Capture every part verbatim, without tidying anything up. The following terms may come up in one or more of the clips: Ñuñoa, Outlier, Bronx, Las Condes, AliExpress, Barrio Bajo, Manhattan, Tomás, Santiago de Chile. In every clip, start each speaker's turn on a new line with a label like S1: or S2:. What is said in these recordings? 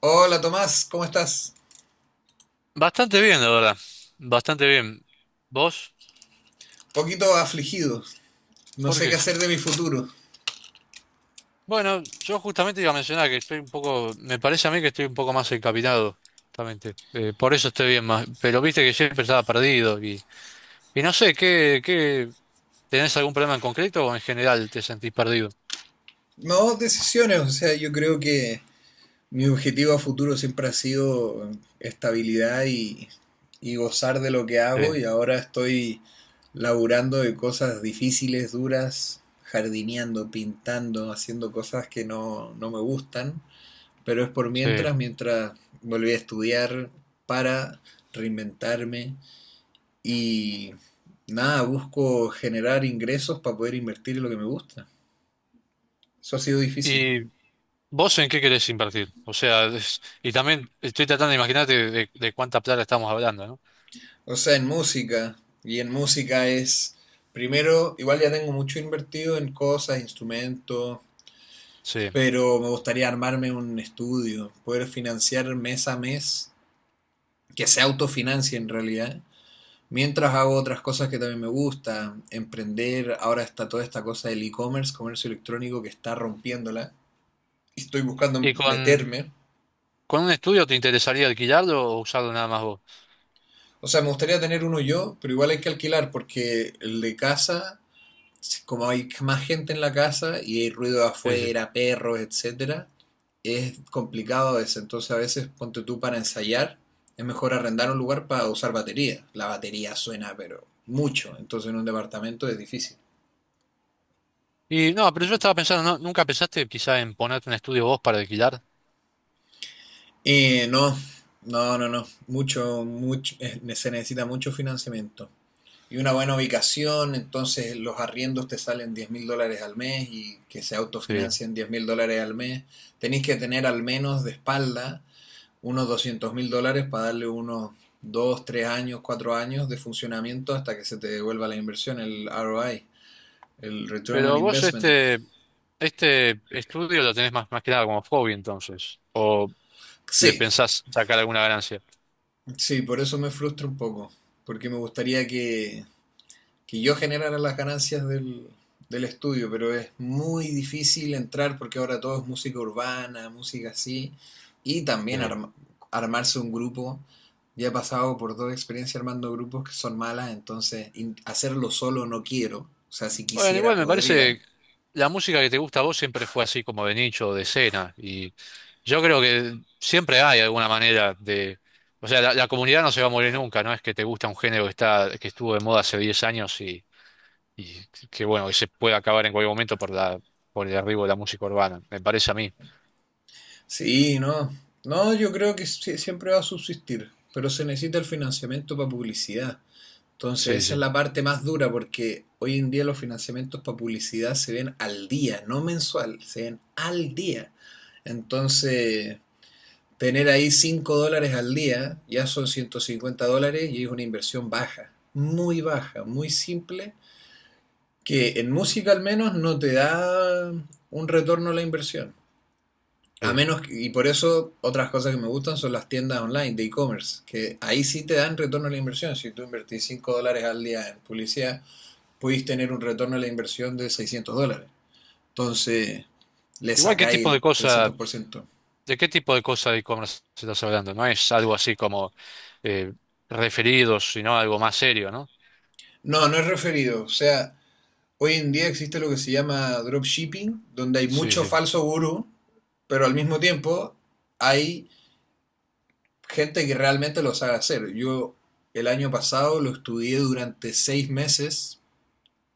S1: Hola Tomás, ¿cómo estás?
S2: Bastante bien, la verdad. Bastante bien. ¿Vos?
S1: Poquito afligido, no
S2: ¿Por
S1: sé qué
S2: qué?
S1: hacer de mi futuro.
S2: Bueno, yo justamente iba a mencionar que estoy un poco, me parece a mí que estoy un poco más encaminado, justamente. Eh, por eso estoy bien más, pero viste que siempre estaba perdido y, y no sé, ¿qué, qué, tenés algún problema en concreto o en general te sentís perdido?
S1: No, decisiones, o sea, yo creo que mi objetivo a futuro siempre ha sido estabilidad y, y gozar de lo que hago
S2: Sí,
S1: y ahora estoy laburando de cosas difíciles, duras, jardineando, pintando, haciendo cosas que no, no me gustan, pero es por
S2: sí.
S1: mientras, mientras volví a estudiar para reinventarme. Y nada, busco generar ingresos para poder invertir en lo que me gusta. Eso ha sido difícil.
S2: ¿Y vos en qué querés invertir? O sea, es- y también estoy tratando de imaginarte de, de cuánta plata estamos hablando, ¿no?
S1: O sea, en música. Y en música es, primero, igual ya tengo mucho invertido en cosas, instrumentos,
S2: Sí.
S1: pero me gustaría armarme un estudio, poder financiar mes a mes, que se autofinancie en realidad. Mientras hago otras cosas que también me gustan, emprender, ahora está toda esta cosa del e-commerce, comercio electrónico que está rompiéndola. Y estoy buscando
S2: ¿Y con,
S1: meterme.
S2: con un estudio te interesaría alquilarlo o usarlo nada más vos?
S1: O sea, me gustaría tener uno yo, pero igual hay que alquilar porque el de casa, si- como hay más gente en la casa y hay ruido de
S2: Sí, sí.
S1: afuera, perros, etcétera, es complicado a veces. Entonces, a veces ponte tú para ensayar, es mejor arrendar un lugar para usar batería. La batería suena, pero mucho. Entonces, en un departamento es difícil.
S2: Y no, pero yo estaba pensando, ¿no? ¿Nunca pensaste quizá en ponerte un estudio vos para alquilar?
S1: Y no, no, no, no. Mucho, mucho, eh, se necesita mucho financiamiento y una buena ubicación. Entonces los arriendos te salen diez mil dólares al mes y que se
S2: Sí.
S1: autofinancien diez mil dólares al mes, tenéis que tener al menos de espalda unos doscientos mil dólares para darle unos dos tres años, cuatro años de funcionamiento hasta que se te devuelva la inversión, el R O I, el Return on
S2: Pero vos
S1: Investment.
S2: este, este estudio lo tenés más, más que nada como hobby entonces, o le
S1: Sí,
S2: pensás sacar alguna ganancia.
S1: sí, por eso me frustra un poco, porque me gustaría que que yo generara las ganancias del, del estudio, pero es muy difícil entrar porque ahora todo es música urbana, música así, y también
S2: Sí.
S1: arma- armarse un grupo. Ya he pasado por dos experiencias armando grupos que son malas, entonces hacerlo solo no quiero. O sea, si
S2: Bueno,
S1: quisiera
S2: igual me
S1: podría.
S2: parece, la música que te gusta a vos siempre fue así como de nicho, o de escena, y yo creo que siempre hay alguna manera de, o sea, la, la comunidad no se va a morir nunca, no es que te gusta un género que está, que estuvo de moda hace diez años y que bueno, que se puede acabar en cualquier momento por la, por el arribo de la música urbana, me parece a mí.
S1: Sí, no. No, yo creo que sí- siempre va a subsistir, pero se necesita el financiamiento para publicidad. Entonces,
S2: Sí,
S1: esa
S2: sí,
S1: es
S2: está
S1: la parte más dura porque hoy en día los financiamientos para publicidad se ven al día, no mensual, se ven al día. Entonces, tener ahí cinco dólares al día ya son ciento cincuenta dólares y es una inversión baja, muy baja, muy simple, que en música al menos no te da un retorno a la inversión. A
S2: bien.
S1: menos, y por eso otras cosas que me gustan son las tiendas online de e-commerce, que ahí sí te dan retorno a la inversión. Si tú invertís cinco dólares al día en publicidad, podéis tener un retorno a la inversión de seiscientos dólares. Entonces, le
S2: Igual, ¿qué
S1: sacáis
S2: tipo de
S1: el
S2: cosa,
S1: trescientos por ciento.
S2: de qué tipo de cosa de e-commerce estás hablando? No es algo así como eh, referidos, sino algo más serio, ¿no?
S1: No, no es referido. O sea, hoy en día existe lo que se llama dropshipping, donde hay
S2: Sí,
S1: mucho
S2: sí.
S1: falso gurú, pero al mismo tiempo hay gente que realmente lo sabe hacer. Yo el año pasado lo estudié durante seis meses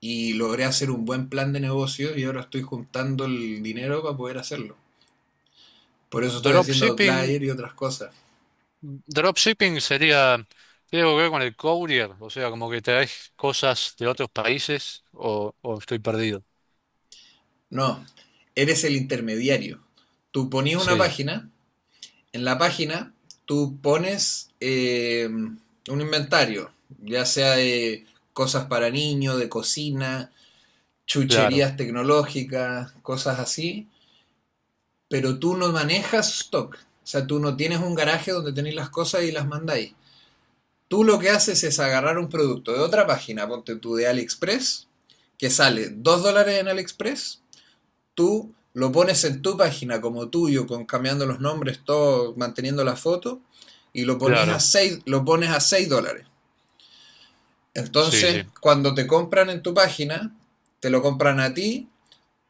S1: y logré hacer un buen plan de negocios y ahora estoy juntando el dinero para poder hacerlo. Por eso estoy haciendo
S2: Dropshipping,
S1: outlier y otras cosas.
S2: dropshipping sería, ¿tiene algo que ver con el courier? O sea, como que traes cosas de otros países o, o estoy perdido.
S1: No, eres el intermediario. Tú pones una
S2: Sí,
S1: página, en la página tú pones eh, un inventario, ya sea de cosas para niños, de cocina,
S2: claro,
S1: chucherías tecnológicas, cosas así, pero tú no manejas stock. O sea, tú no tienes un garaje donde tenéis las cosas y las mandáis. Tú lo que haces es agarrar un producto de otra página, ponte tú de AliExpress, que sale dos dólares en AliExpress. Tú lo pones en tu página como tuyo, con cambiando los nombres, todo, manteniendo la foto, y lo, pones a
S2: claro,
S1: seis, lo pones a seis dólares.
S2: sí,
S1: Entonces,
S2: sí,
S1: cuando te compran en tu página, te lo compran a ti,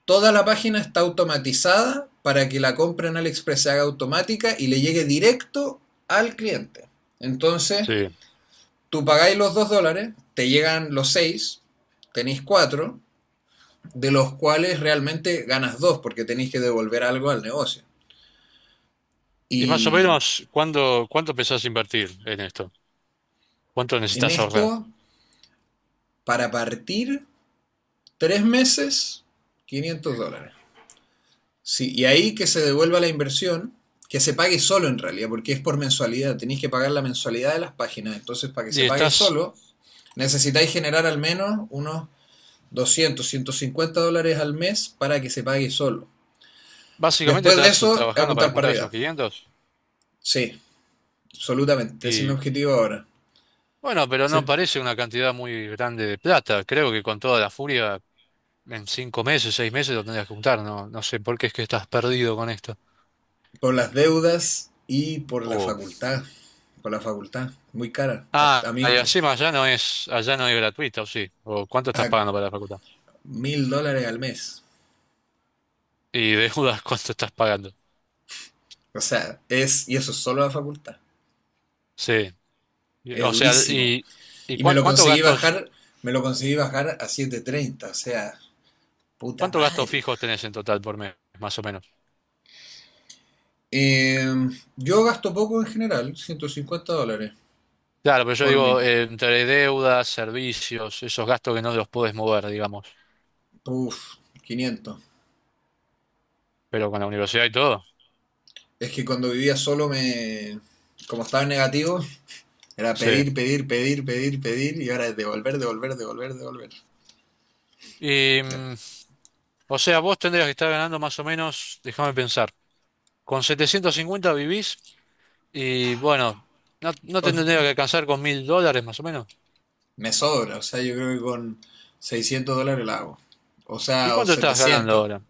S1: toda la página está automatizada para que la compra en AliExpress se haga automática y le llegue directo al cliente. Entonces,
S2: sí.
S1: tú pagáis los dos dólares, te llegan los seis, tenéis cuatro, de los cuales realmente ganas dos porque tenéis que devolver algo al negocio.
S2: Y más o
S1: Y
S2: menos, ¿cuándo, ¿cuánto pensás invertir en esto? ¿Cuánto
S1: en
S2: necesitas ahorrar?
S1: esto, para partir, tres meses, quinientos dólares. Sí, y ahí que se devuelva la inversión, que se pague solo en realidad, porque es por mensualidad. Tenéis que pagar la mensualidad de las páginas. Entonces, para que
S2: Y
S1: se pague
S2: estás,
S1: solo, necesitáis generar al menos unos doscientos ciento cincuenta dólares al mes para que se pague solo.
S2: básicamente
S1: Después de
S2: estás
S1: eso,
S2: trabajando para
S1: apuntar para
S2: juntar esos
S1: arriba.
S2: quinientos
S1: Sí, absolutamente. Ese es mi
S2: y
S1: objetivo ahora.
S2: bueno, pero
S1: Sí.
S2: no parece una cantidad muy grande de plata. Creo que con toda la furia, en cinco meses, seis meses lo tendrías que juntar. No, no sé por qué es que estás perdido con esto.
S1: Por las deudas y por la
S2: O,
S1: facultad. Por la facultad. Muy cara. A,
S2: ah,
S1: a mí,
S2: y encima allá no es, allá no es gratuita, ¿o sí? ¿O cuánto estás
S1: a
S2: pagando para la facultad?
S1: mil dólares al mes.
S2: Y deudas, ¿cuánto estás pagando?
S1: O sea, es. Y eso es solo la facultad.
S2: Sí. Y-
S1: Es
S2: O sea,
S1: durísimo.
S2: y, y
S1: Y me
S2: cuán-
S1: lo
S2: cuántos
S1: conseguí
S2: gastos.
S1: bajar. Me lo conseguí bajar a siete treinta. O sea, puta
S2: ¿Cuántos gastos
S1: madre.
S2: fijos tenés en total por mes, más o menos?
S1: Eh, yo gasto poco en general. ciento cincuenta dólares
S2: Claro, pero yo
S1: por
S2: digo,
S1: mí.
S2: eh, entre deudas, servicios, esos gastos que no los podés mover, digamos,
S1: Uf, quinientos.
S2: pero con la universidad y todo.
S1: Es que cuando vivía solo me. Como estaba en negativo, era
S2: Sí.
S1: pedir, pedir, pedir, pedir, pedir y ahora es devolver, devolver, devolver, devolver.
S2: Y,
S1: Ya.
S2: mm, o sea, vos tendrías que estar ganando más o menos, déjame pensar, con setecientos cincuenta vivís y bueno, no, no te tendría
S1: O-
S2: que alcanzar con mil dólares más o menos.
S1: me sobra, o sea, yo creo que con seiscientos dólares la hago. O
S2: ¿Y
S1: sea, o
S2: cuánto estás ganando
S1: setecientos.
S2: ahora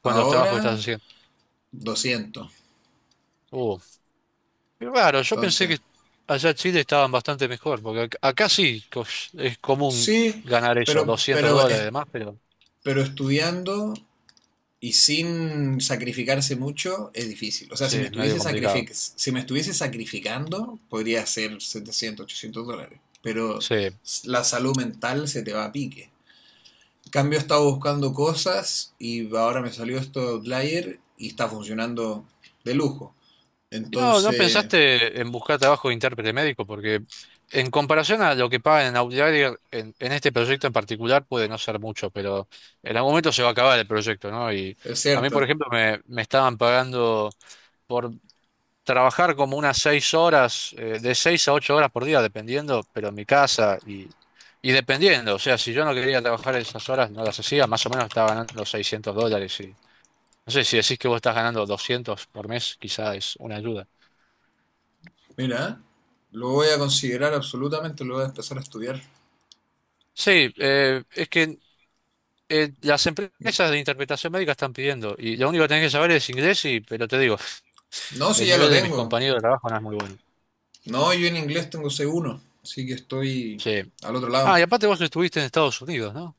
S2: con los trabajos que estás
S1: Ahora
S2: haciendo?
S1: doscientos.
S2: Uh, Qué raro, yo pensé
S1: Entonces,
S2: que allá en Chile estaban bastante mejor, porque ac- acá sí co- es común
S1: sí,
S2: ganar eso,
S1: pero,
S2: doscientos
S1: pero,
S2: dólares y
S1: es-
S2: demás, pero
S1: pero estudiando y sin sacrificarse mucho es difícil. O sea,
S2: sí,
S1: si me
S2: es medio
S1: estuviese
S2: complicado.
S1: sacrific- si me estuviese sacrificando, podría ser setecientos ochocientos dólares. Pero
S2: Sí.
S1: la salud mental se te va a pique. Cambio estaba buscando cosas y ahora me salió esto de Outlier y está funcionando de lujo.
S2: ¿Y no, no
S1: Entonces,
S2: pensaste en buscar trabajo de intérprete médico? Porque en comparación a lo que pagan en Outlier, en, en este proyecto en particular puede no ser mucho, pero en algún momento se va a acabar el proyecto, ¿no? Y
S1: es
S2: a mí, por
S1: cierto.
S2: ejemplo, me, me estaban pagando por trabajar como unas seis horas, eh, de seis a ocho horas por día, dependiendo, pero en mi casa y, y dependiendo. O sea, si yo no quería trabajar esas horas, no las hacía, más o menos estaba ganando seiscientos dólares. Y, no sé, si decís que vos estás ganando doscientos por mes, quizá es una ayuda.
S1: Mira, lo voy a considerar absolutamente, lo voy a empezar a estudiar.
S2: Sí, eh, es que eh, las empresas de interpretación médica están pidiendo, y lo único que tenés que saber es inglés, y, pero te digo,
S1: No, si
S2: el
S1: ya lo
S2: nivel de mis
S1: tengo.
S2: compañeros de trabajo no es muy bueno.
S1: No, yo en inglés tengo C uno, así que estoy
S2: Sí.
S1: al otro
S2: Ah, y
S1: lado.
S2: aparte vos estuviste en Estados Unidos, ¿no?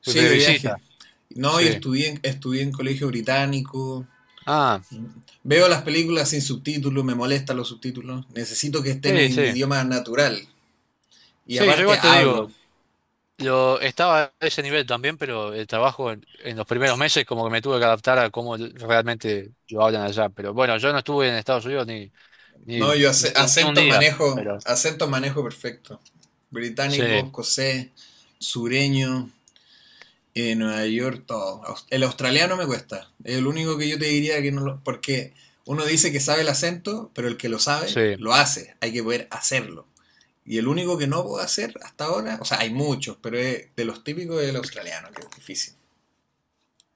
S1: Sí,
S2: De
S1: de
S2: visita,
S1: viaje. No, yo
S2: sí.
S1: estudié, estudié en colegio británico.
S2: Ah,
S1: Veo las películas sin subtítulos, me molestan los subtítulos. Necesito que estén
S2: sí,
S1: en
S2: sí.
S1: idioma natural. Y
S2: Sí, yo
S1: aparte
S2: igual te
S1: hablo.
S2: digo, yo estaba a ese nivel también, pero el trabajo en, en los primeros meses como que me tuve que adaptar a cómo realmente lo hablan allá. Pero bueno, yo no estuve en Estados Unidos ni, ni,
S1: No, yo
S2: ni,
S1: ac-
S2: ni un
S1: acentos
S2: día,
S1: manejo,
S2: pero
S1: acentos manejo perfecto. Británico,
S2: sí,
S1: escocés, sureño, eh, Nueva York, todo. Aus- El australiano me cuesta. Es el único que yo te diría que no lo... Porque uno dice que sabe el acento, pero el que lo sabe,
S2: sí.
S1: lo hace. Hay que poder hacerlo. Y el único que no puedo hacer hasta ahora, o sea, hay muchos, pero es de los típicos es el australiano, que es difícil.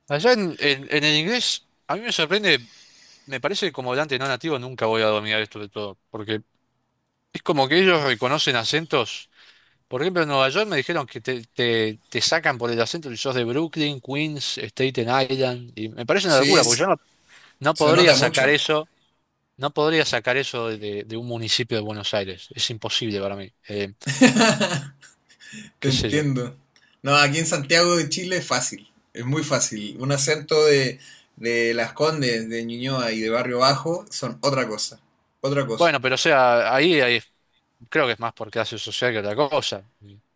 S2: Allá en, en, en el inglés, a mí me sorprende, me parece que como hablante no nativo nunca voy a dominar esto de todo, porque es como que ellos reconocen acentos. Por ejemplo, en Nueva York me dijeron que te, te, te sacan por el acento si sos de Brooklyn, Queens, Staten Island, y me parece una
S1: Sí,
S2: locura, porque yo
S1: es-
S2: no. No
S1: se
S2: podría
S1: nota
S2: sacar
S1: mucho.
S2: eso, no podría sacar eso de, de un municipio de Buenos Aires. Es imposible para mí. Eh,
S1: Te
S2: qué sé yo.
S1: entiendo. No, aquí en Santiago de Chile es fácil, es muy fácil. Un acento de, de Las Condes, de Ñuñoa y de Barrio Bajo son otra cosa, otra cosa.
S2: Bueno, pero o sea, ahí, ahí creo que es más por clase social que otra cosa.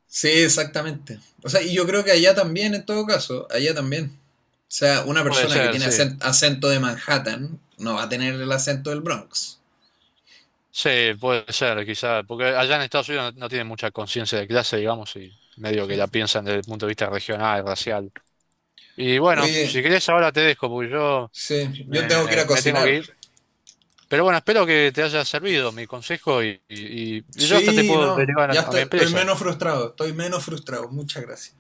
S1: Sí, exactamente. O sea, y yo creo que allá también, en todo caso, allá también. O sea, una
S2: Puede
S1: persona que
S2: ser,
S1: tiene
S2: sí.
S1: acen- acento de Manhattan no va a tener el acento del Bronx.
S2: Sí, puede ser, quizás. Porque allá en Estados Unidos no, no tienen mucha conciencia de clase, digamos, y medio
S1: Sí.
S2: que la piensan desde el punto de vista regional, racial. Y bueno,
S1: Oye,
S2: si querés ahora te dejo, porque yo
S1: sí, yo tengo que ir
S2: me,
S1: a
S2: me tengo
S1: cocinar.
S2: que ir. Pero bueno, espero que te haya servido mi consejo y, y- y yo hasta te
S1: Sí,
S2: puedo
S1: no,
S2: derivar a
S1: ya
S2: a
S1: estoy,
S2: mi
S1: estoy
S2: empresa.
S1: menos frustrado, estoy menos frustrado. Muchas gracias.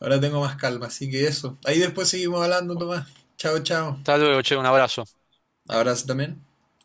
S1: Ahora tengo más calma, así que eso. Ahí después seguimos hablando, Tomás. Chao, chao.
S2: Hasta luego, che, un abrazo.
S1: Abrazo también.